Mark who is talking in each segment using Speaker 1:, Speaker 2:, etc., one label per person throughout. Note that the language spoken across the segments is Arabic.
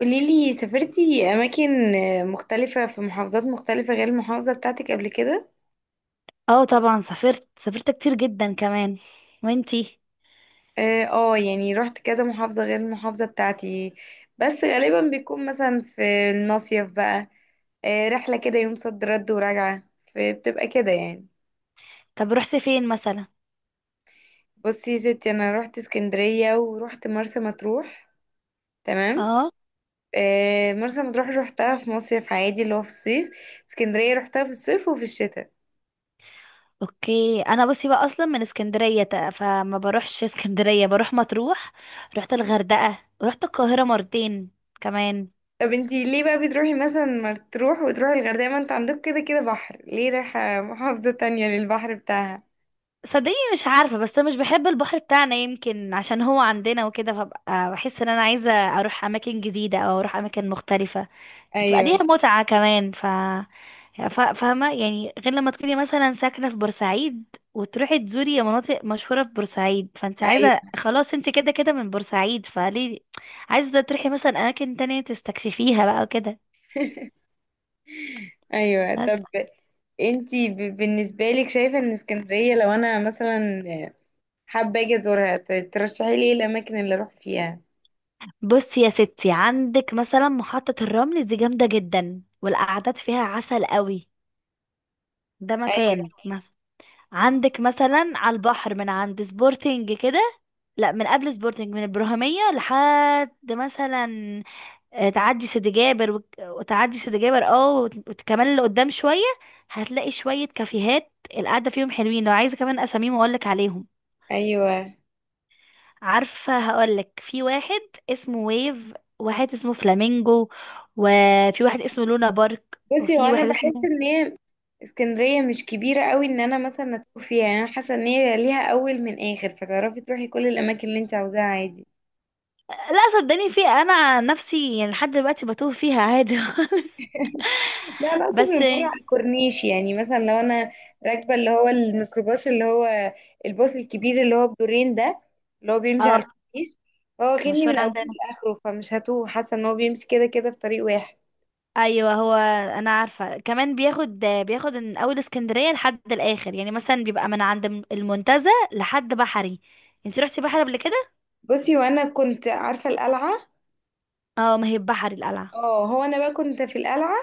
Speaker 1: قوليلي، سافرتي أماكن مختلفة في محافظات مختلفة غير المحافظة بتاعتك قبل كده؟
Speaker 2: اه، طبعا سافرت كتير جدا كمان. وانتي؟
Speaker 1: اه يعني رحت كذا محافظة غير المحافظة بتاعتي. بس غالبا بيكون مثلا في المصيف بقى رحلة كده، يوم صد رد وراجعة، فبتبقى كده يعني.
Speaker 2: طب رحتي فين مثلا؟
Speaker 1: بصي يا ستي، أنا رحت اسكندرية ورحت مرسى مطروح. تمام.
Speaker 2: اه،
Speaker 1: مرسى مطروح روحتها في مصيف عادي اللي هو في الصيف. اسكندرية روحتها في الصيف وفي الشتاء.
Speaker 2: اوكي. انا بصي بقى اصلا من اسكندريه، فما بروحش اسكندريه، بروح مطروح. رحت الغردقه ورحت القاهره مرتين كمان.
Speaker 1: طب انتي ليه بقى بتروحي مثلا مطروح وتروحي الغردقة؟ ما انت عندك كده كده بحر، ليه رايحة محافظة تانية للبحر بتاعها؟
Speaker 2: صدقيني مش عارفه، بس مش بحب البحر بتاعنا، يمكن عشان هو عندنا وكده، فببقى بحس ان انا عايزه اروح اماكن جديده او اروح اماكن مختلفه. بتبقى
Speaker 1: ايوه.
Speaker 2: ليها متعه كمان. فاهمة يعني، غير لما تكوني مثلا ساكنة في بورسعيد وتروحي تزوري مناطق مشهورة في بورسعيد، فانت عايزة
Speaker 1: ايوه.
Speaker 2: خلاص، انت كده كده من بورسعيد، فليه عايزة تروحي مثلا أماكن تانية تستكشفيها بقى وكده.
Speaker 1: ايوه، طب
Speaker 2: بس
Speaker 1: انتي بالنسبة لك شايفة ان اسكندرية، لو انا مثلا حابة اجي ازورها، ترشحي لي ايه الاماكن اللي اروح فيها؟
Speaker 2: بصي يا ستي، عندك مثلا محطة الرمل دي جامدة جدا، والقعدات فيها عسل قوي. ده مكان
Speaker 1: ايوه.
Speaker 2: مثلا. عندك مثلا على البحر من عند سبورتنج كده، لا، من قبل سبورتنج، من البرهمية لحد مثلا. تعدي سيدي جابر وتعدي سيدي جابر، اه، كمان لقدام شوية، هتلاقي شوية كافيهات، القعدة فيهم حلوين. لو عايزة كمان أساميهم أقولك عليهم.
Speaker 1: ايوه.
Speaker 2: عارفة، هقولك في واحد اسمه ويف، واحد اسمه فلامينجو، وفي واحد اسمه لونا بارك،
Speaker 1: بصي، هو
Speaker 2: وفي
Speaker 1: انا
Speaker 2: واحد اسمه...
Speaker 1: بحس ان هي اسكندرية مش كبيرة قوي ان انا مثلا اتوه فيها، يعني انا حاسة ان هي ليها اول من اخر، فتعرفي تروحي كل الاماكن اللي انت عاوزاها عادي.
Speaker 2: لا صدقني، في انا عن نفسي يعني لحد دلوقتي بتوه فيها عادي خالص.
Speaker 1: لا، انا اقصد
Speaker 2: بس
Speaker 1: من بره على الكورنيش. يعني مثلا لو انا راكبه اللي هو الميكروباص اللي هو الباص الكبير اللي هو بدورين ده، اللي هو بيمشي
Speaker 2: اه،
Speaker 1: على الكورنيش، فهو واخدني من
Speaker 2: المشوار
Speaker 1: اوله
Speaker 2: عندنا،
Speaker 1: لاخره، فمش هتوه، حاسه ان هو بيمشي كده كده في طريق واحد.
Speaker 2: ايوه هو. انا عارفه، كمان بياخد من اول اسكندريه لحد الاخر، يعني مثلا بيبقى من عند المنتزه لحد بحري. انت رحتي بحري قبل كده؟
Speaker 1: بصي، وانا كنت عارفه القلعه.
Speaker 2: اه، ما هي بحري القلعه.
Speaker 1: اه، هو انا بقى كنت في القلعه،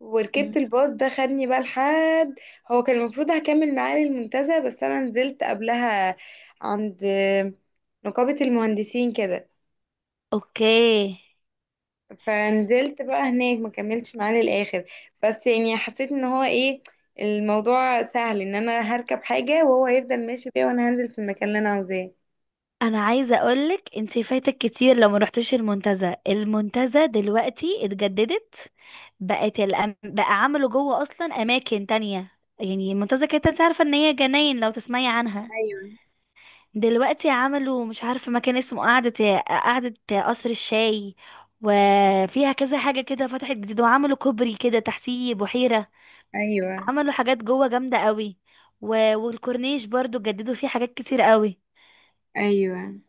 Speaker 1: وركبت
Speaker 2: مم.
Speaker 1: الباص ده خدني بقى لحد. هو كان المفروض هكمل معاه للمنتزه، بس انا نزلت قبلها عند نقابه المهندسين كده.
Speaker 2: اوكي.
Speaker 1: فنزلت بقى هناك، ما كملتش معاه للاخر. بس يعني حسيت ان هو ايه، الموضوع سهل، ان انا هركب حاجة وهو هيفضل ماشي بيها، وانا هنزل في المكان اللي انا عاوزاه.
Speaker 2: انا عايزه اقولك انت فايتك كتير لو ما رحتيش المنتزه. المنتزه دلوقتي اتجددت، بقى عملوا جوه اصلا اماكن تانية. يعني المنتزه كانت، انت عارفه ان هي جناين لو تسمعي عنها،
Speaker 1: ايوه.
Speaker 2: دلوقتي عملوا مش عارفة مكان اسمه قعدة قعدة، قصر الشاي، وفيها كذا حاجة كده فتحت جديد، وعملوا كوبري كده تحتيه بحيرة.
Speaker 1: ايوه.
Speaker 2: عملوا حاجات جوه جامدة قوي و... والكورنيش برضو جددوا فيه حاجات كتير قوي.
Speaker 1: ايوه.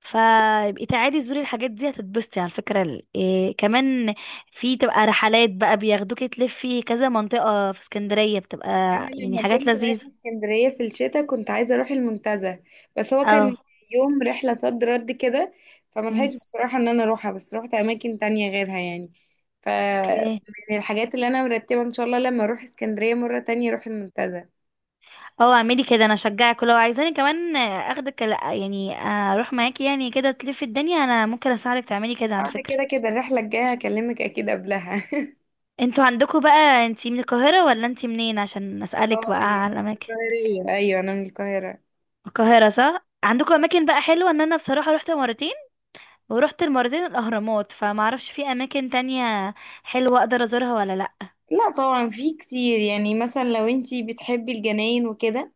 Speaker 2: فيبقي تعالي زوري الحاجات دي، هتتبسطي على فكرة. إيه كمان، في تبقى رحلات بقى، بياخدوكي تلفي كذا منطقة في اسكندرية، بتبقى
Speaker 1: انا
Speaker 2: يعني
Speaker 1: لما
Speaker 2: حاجات
Speaker 1: كنت
Speaker 2: لذيذة.
Speaker 1: رايحة اسكندرية في الشتاء كنت عايزة اروح المنتزه، بس هو كان
Speaker 2: اه.
Speaker 1: يوم رحلة صد رد كده،
Speaker 2: مم.
Speaker 1: فملحقتش بصراحة ان انا اروحها، بس روحت اماكن تانية غيرها يعني. ف
Speaker 2: اوكي.
Speaker 1: من الحاجات اللي انا مرتبة ان شاء الله، لما اروح اسكندرية مرة تانية اروح المنتزه.
Speaker 2: اه، اعملي كده، انا اشجعك. ولو عايزاني كمان اخدك، لا يعني، اروح معاكي يعني، كده تلفي الدنيا، انا ممكن اساعدك تعملي كده على
Speaker 1: ده
Speaker 2: فكرة.
Speaker 1: كده كده الرحلة الجاية هكلمك أكيد قبلها.
Speaker 2: انتوا عندكوا بقى، انتي من القاهرة ولا انتي منين، عشان اسألك
Speaker 1: اه،
Speaker 2: بقى
Speaker 1: يعني
Speaker 2: على
Speaker 1: من
Speaker 2: الاماكن؟
Speaker 1: القاهرة. أيوة، أنا من القاهرة.
Speaker 2: القاهرة، صح. عندكوا اماكن بقى حلوة؟ ان انا بصراحة رحت مرتين، ورحت المرتين الاهرامات، فمعرفش في اماكن تانية حلوة اقدر ازورها ولا لا.
Speaker 1: لا طبعا، في كتير. يعني مثلا لو انتي بتحبي الجناين وكده،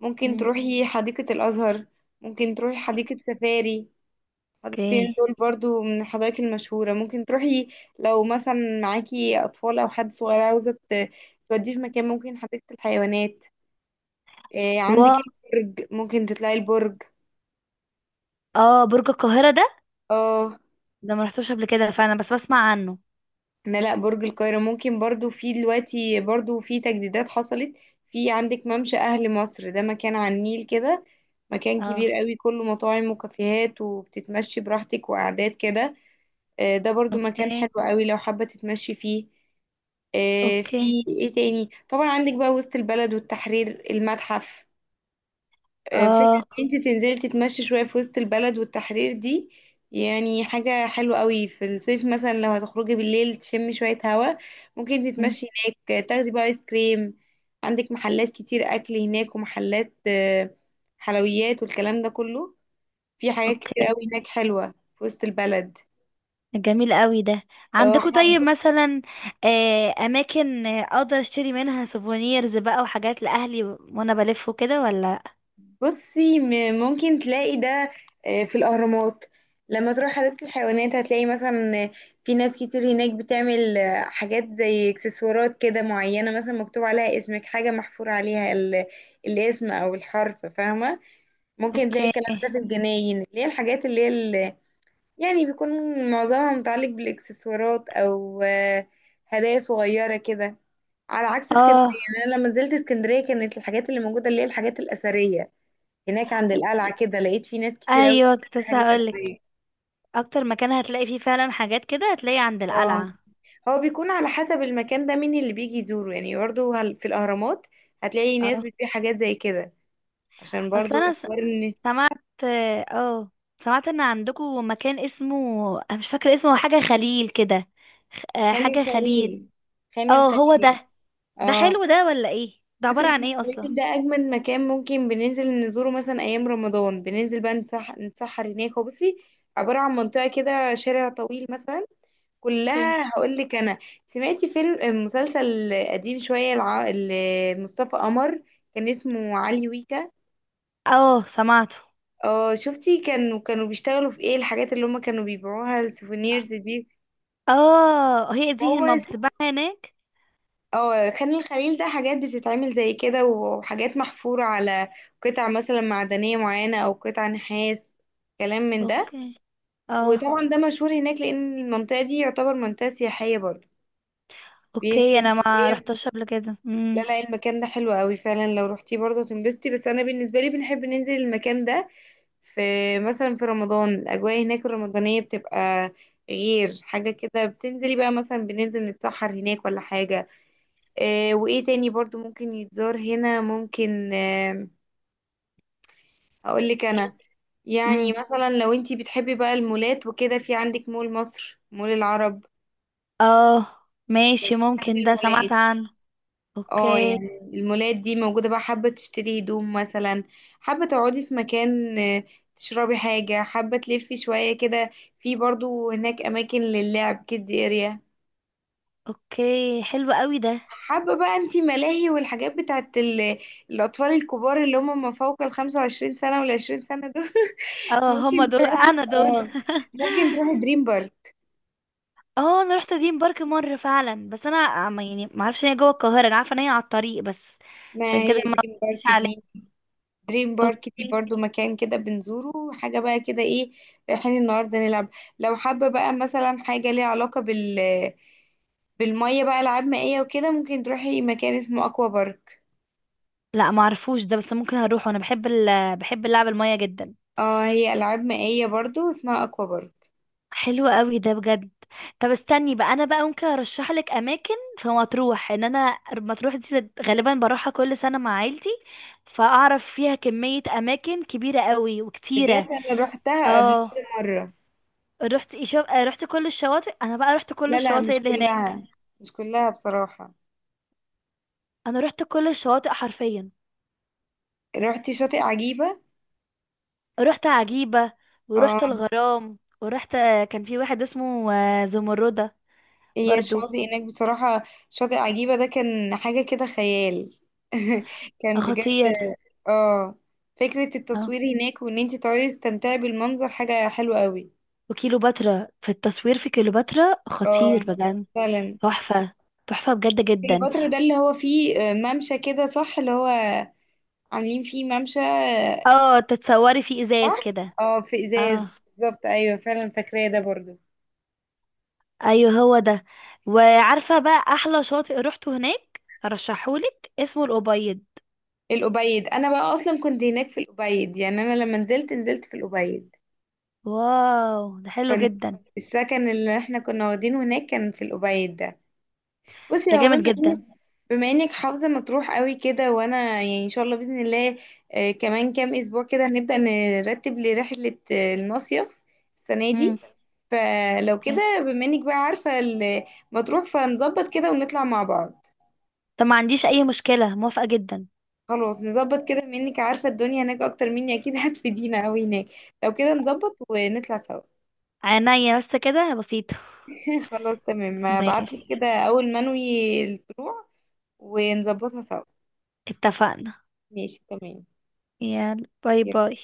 Speaker 1: ممكن
Speaker 2: مم،
Speaker 1: تروحي حديقة الأزهر، ممكن تروحي حديقة سفاري. الحديقتين
Speaker 2: اوكي.
Speaker 1: دول برضو من الحدائق المشهورة ممكن تروحي. لو مثلا معاكي أطفال أو حد صغير عاوزة توديه في مكان، ممكن حديقة الحيوانات. إيه عندك؟
Speaker 2: واو.
Speaker 1: البرج، ممكن تطلعي البرج.
Speaker 2: اه، برج القاهرة ده؟
Speaker 1: اه.
Speaker 2: ده ما رحتوش قبل كده، فانا بس بسمع عنه.
Speaker 1: لا لا، برج القاهرة ممكن برضو، في دلوقتي برضو في تجديدات حصلت. في عندك ممشى أهل مصر، ده مكان على النيل كده، مكان
Speaker 2: اه.
Speaker 1: كبير قوي كله مطاعم وكافيهات وبتتمشي براحتك وقعدات كده. ده برضو مكان حلو
Speaker 2: اوكي.
Speaker 1: قوي لو حابة تتمشي فيه.
Speaker 2: اوكي.
Speaker 1: في ايه تاني، طبعا عندك بقى وسط البلد والتحرير، المتحف. فكرة
Speaker 2: اه.
Speaker 1: ان انت تنزلي تتمشي شوية في وسط البلد والتحرير دي، يعني حاجة حلوة قوي. في الصيف مثلا لو هتخرجي بالليل تشمي شوية هوا، ممكن تتمشي هناك، تاخدي بقى ايس كريم. عندك محلات كتير اكل هناك، ومحلات حلويات والكلام ده كله. في حاجات كتير
Speaker 2: اوكي.
Speaker 1: قوي هناك حلوة في وسط البلد.
Speaker 2: جميل قوي ده.
Speaker 1: آه،
Speaker 2: عندكم طيب مثلا اماكن اقدر اشتري منها سوفونيرز بقى، وحاجات لاهلي وانا بلف وكده، ولا؟
Speaker 1: بصي، ممكن تلاقي ده في الأهرامات. لما تروح حديقة الحيوانات هتلاقي مثلا في ناس كتير هناك بتعمل حاجات زي اكسسوارات كده معينة، مثلا مكتوب عليها اسمك، حاجة محفور عليها الاسم أو الحرف، فاهمة؟ ممكن تلاقي
Speaker 2: اوكي.
Speaker 1: الكلام ده في الجناين، اللي هي الحاجات اللي هي يعني بيكون معظمها متعلق بالإكسسوارات أو هدايا صغيرة كده. على عكس اسكندرية،
Speaker 2: اه.
Speaker 1: يعني أنا لما نزلت اسكندرية كانت الحاجات اللي موجودة اللي هي الحاجات الأثرية. هناك عند القلعة كده لقيت فيه ناس كتير أوي
Speaker 2: ايوه، كنت
Speaker 1: بتعمل
Speaker 2: لسه
Speaker 1: حاجات
Speaker 2: هقولك،
Speaker 1: أثرية.
Speaker 2: اكتر مكان هتلاقي فيه فعلا حاجات كده هتلاقي عند
Speaker 1: اه.
Speaker 2: القلعه.
Speaker 1: هو بيكون على حسب المكان ده مين اللي بيجي يزوره. يعني برضو هل في الأهرامات هتلاقي ناس
Speaker 2: اه.
Speaker 1: بتبيع حاجات زي كده؟ عشان برضو
Speaker 2: اصلا انا
Speaker 1: حوار إن.
Speaker 2: سمعت، اه آه، سمعت ان عندكم مكان اسمه، انا مش فاكره اسمه، حاجه خليل كده،
Speaker 1: خان
Speaker 2: حاجه خليل.
Speaker 1: الخليل. خان
Speaker 2: اه، هو
Speaker 1: الخليل.
Speaker 2: ده. ده
Speaker 1: اه.
Speaker 2: حلو ده، ولا ايه؟ ده
Speaker 1: بصي،
Speaker 2: عباره
Speaker 1: خان
Speaker 2: عن ايه اصلا؟
Speaker 1: الخليل ده أجمد مكان. ممكن بننزل نزوره مثلا أيام رمضان، بننزل بقى نتسحر هناك. هو بصي عبارة عن منطقة كده، شارع طويل مثلا،
Speaker 2: اوكي.
Speaker 1: كلها. هقول لك انا، سمعتي فيلم مسلسل قديم شويه مصطفى قمر، كان اسمه علي ويكا؟
Speaker 2: اه سمعته.
Speaker 1: اه. شفتي كانوا بيشتغلوا في ايه؟ الحاجات اللي هم كانوا بيبيعوها السوفينيرز دي.
Speaker 2: اه، هي دي
Speaker 1: هو
Speaker 2: ما
Speaker 1: ش-
Speaker 2: بتتباع هناك.
Speaker 1: اه، خان الخليل ده حاجات بتتعمل زي كده، وحاجات محفورة على قطع مثلا معدنية معينة او قطع نحاس، كلام من ده.
Speaker 2: اوكي. اه.
Speaker 1: وطبعا ده مشهور هناك لان المنطقة دي يعتبر منطقة سياحية برضو،
Speaker 2: اوكي،
Speaker 1: بينزل.
Speaker 2: انا ما رحتش قبل كده.
Speaker 1: لا لا، المكان ده حلو قوي فعلا، لو روحتيه برضه تنبسطي. بس انا بالنسبه لي بنحب ننزل المكان ده في مثلا في رمضان، الاجواء هناك الرمضانيه بتبقى غير، حاجه كده، بتنزلي بقى مثلا، بننزل نتسحر هناك ولا حاجه. آه، وايه تاني برضه ممكن يتزار هنا؟ ممكن آه، اقول لك انا. يعني
Speaker 2: امم.
Speaker 1: مثلا لو انتي بتحبي بقى المولات وكده، في عندك مول مصر، مول العرب.
Speaker 2: اه. ماشي،
Speaker 1: بحب
Speaker 2: ممكن ده سمعت
Speaker 1: المولات.
Speaker 2: عنه.
Speaker 1: اه،
Speaker 2: اوكي.
Speaker 1: يعني المولات دي موجودة بقى، حابة تشتري هدوم مثلا، حابة تقعدي في مكان تشربي حاجة، حابة تلفي شوية كده. في برضو هناك أماكن للعب، كيدز اريا.
Speaker 2: اوكي، حلو قوي ده.
Speaker 1: حابة بقى انتي ملاهي والحاجات بتاعت الأطفال الكبار اللي هم ما فوق 25 سنة والعشرين سنة دول.
Speaker 2: اه، هما
Speaker 1: ممكن
Speaker 2: دول،
Speaker 1: تروحي
Speaker 2: انا دول
Speaker 1: اه، ممكن تروحي دريم بارك.
Speaker 2: اه، انا رحت دريم بارك مره فعلا، بس انا يعني ما اعرفش ان هي جوه القاهره، انا عارفه ان هي على الطريق بس.
Speaker 1: ما
Speaker 2: عشان
Speaker 1: هي
Speaker 2: كده ما
Speaker 1: دريم
Speaker 2: قلتليش
Speaker 1: بارك
Speaker 2: عليه.
Speaker 1: دي، دريم بارك دي
Speaker 2: اوكي.
Speaker 1: برضو مكان كده بنزوره. حاجة بقى كده ايه، رايحين النهاردة نلعب. لو حابة بقى مثلا حاجة ليها علاقة بال بالمية بقى، ألعاب مائية وكده، ممكن تروحي مكان اسمه أكوا بارك.
Speaker 2: لا، ما اعرفوش ده، بس ممكن هروح، وانا بحب بحب اللعب الميه جدا.
Speaker 1: اه، هي ألعاب مائية برضو، اسمها أكوا بارك.
Speaker 2: حلو قوي ده بجد. طب استني بقى، انا بقى ممكن ارشح لك اماكن في مطروح، ان انا مطروح دي غالبا بروحها كل سنه مع عيلتي، فاعرف فيها كميه اماكن كبيره قوي
Speaker 1: بجد،
Speaker 2: وكتيره.
Speaker 1: أنا روحتها قبل
Speaker 2: اه.
Speaker 1: كده مرة.
Speaker 2: رحت إيه شو... آه، رحت كل الشواطئ، انا بقى رحت كل
Speaker 1: لا لا،
Speaker 2: الشواطئ
Speaker 1: مش
Speaker 2: اللي هناك.
Speaker 1: كلها، مش كلها بصراحة.
Speaker 2: انا رحت كل الشواطئ حرفيا.
Speaker 1: روحتي شاطئ عجيبة؟
Speaker 2: رحت عجيبه، ورحت
Speaker 1: اه،
Speaker 2: الغرام، ورحت كان في واحد اسمه زمردة.
Speaker 1: هي
Speaker 2: برضو.
Speaker 1: الشاطئ هناك بصراحة، شاطئ عجيبة ده كان حاجة كده خيال. كان بجد.
Speaker 2: خطير.
Speaker 1: اه، فكرة التصوير هناك، وان انت تقعدي تستمتعي بالمنظر حاجة حلوة قوي.
Speaker 2: وكيلوباترا، في التصوير في كيلوباترا خطير
Speaker 1: اه،
Speaker 2: بجد.
Speaker 1: فعلا.
Speaker 2: تحفة. تحفة بجد جدا.
Speaker 1: الفترة ده اللي هو فيه ممشى كده، صح؟ اللي هو عاملين فيه ممشى آه.
Speaker 2: اه، تتصوري في
Speaker 1: صح.
Speaker 2: ازاز كده.
Speaker 1: اه، في ازاز،
Speaker 2: اه،
Speaker 1: بالظبط. ايوه فعلا، فاكراه ده برضو.
Speaker 2: ايوه هو ده. وعارفة بقى احلى شاطئ روحته هناك، ارشحهولك، اسمه الأبيض.
Speaker 1: الأبيض، انا بقى اصلا كنت هناك في الأبيض. يعني انا لما نزلت نزلت في الأبيض.
Speaker 2: واو، ده حلو
Speaker 1: كنت،
Speaker 2: جدا.
Speaker 1: السكن اللي احنا كنا واخدينه هناك كان في الأبيد ده. بصي،
Speaker 2: ده
Speaker 1: هو
Speaker 2: جامد
Speaker 1: بما انك
Speaker 2: جدا.
Speaker 1: بما انك حافظة مطروح قوي كده، وانا يعني ان شاء الله بإذن الله كمان كام اسبوع كده هنبدأ نرتب لرحلة المصيف السنة
Speaker 2: امم.
Speaker 1: دي، فلو كده بما انك بقى عارفة مطروح، فنظبط كده ونطلع مع بعض.
Speaker 2: طب ما عنديش اي مشكلة، موافقة جدا.
Speaker 1: خلاص، نظبط كده، بما انك عارفة الدنيا هناك اكتر مني اكيد هتفيدينا قوي هناك. لو كده نظبط ونطلع سوا.
Speaker 2: عينيا، بس كده بسيطة.
Speaker 1: خلاص تمام، هبعتلك
Speaker 2: ماشي.
Speaker 1: كده اول ما انوي الطلوع ونظبطها سوا.
Speaker 2: اتفقنا.
Speaker 1: ماشي تمام.
Speaker 2: يلا، باي باي.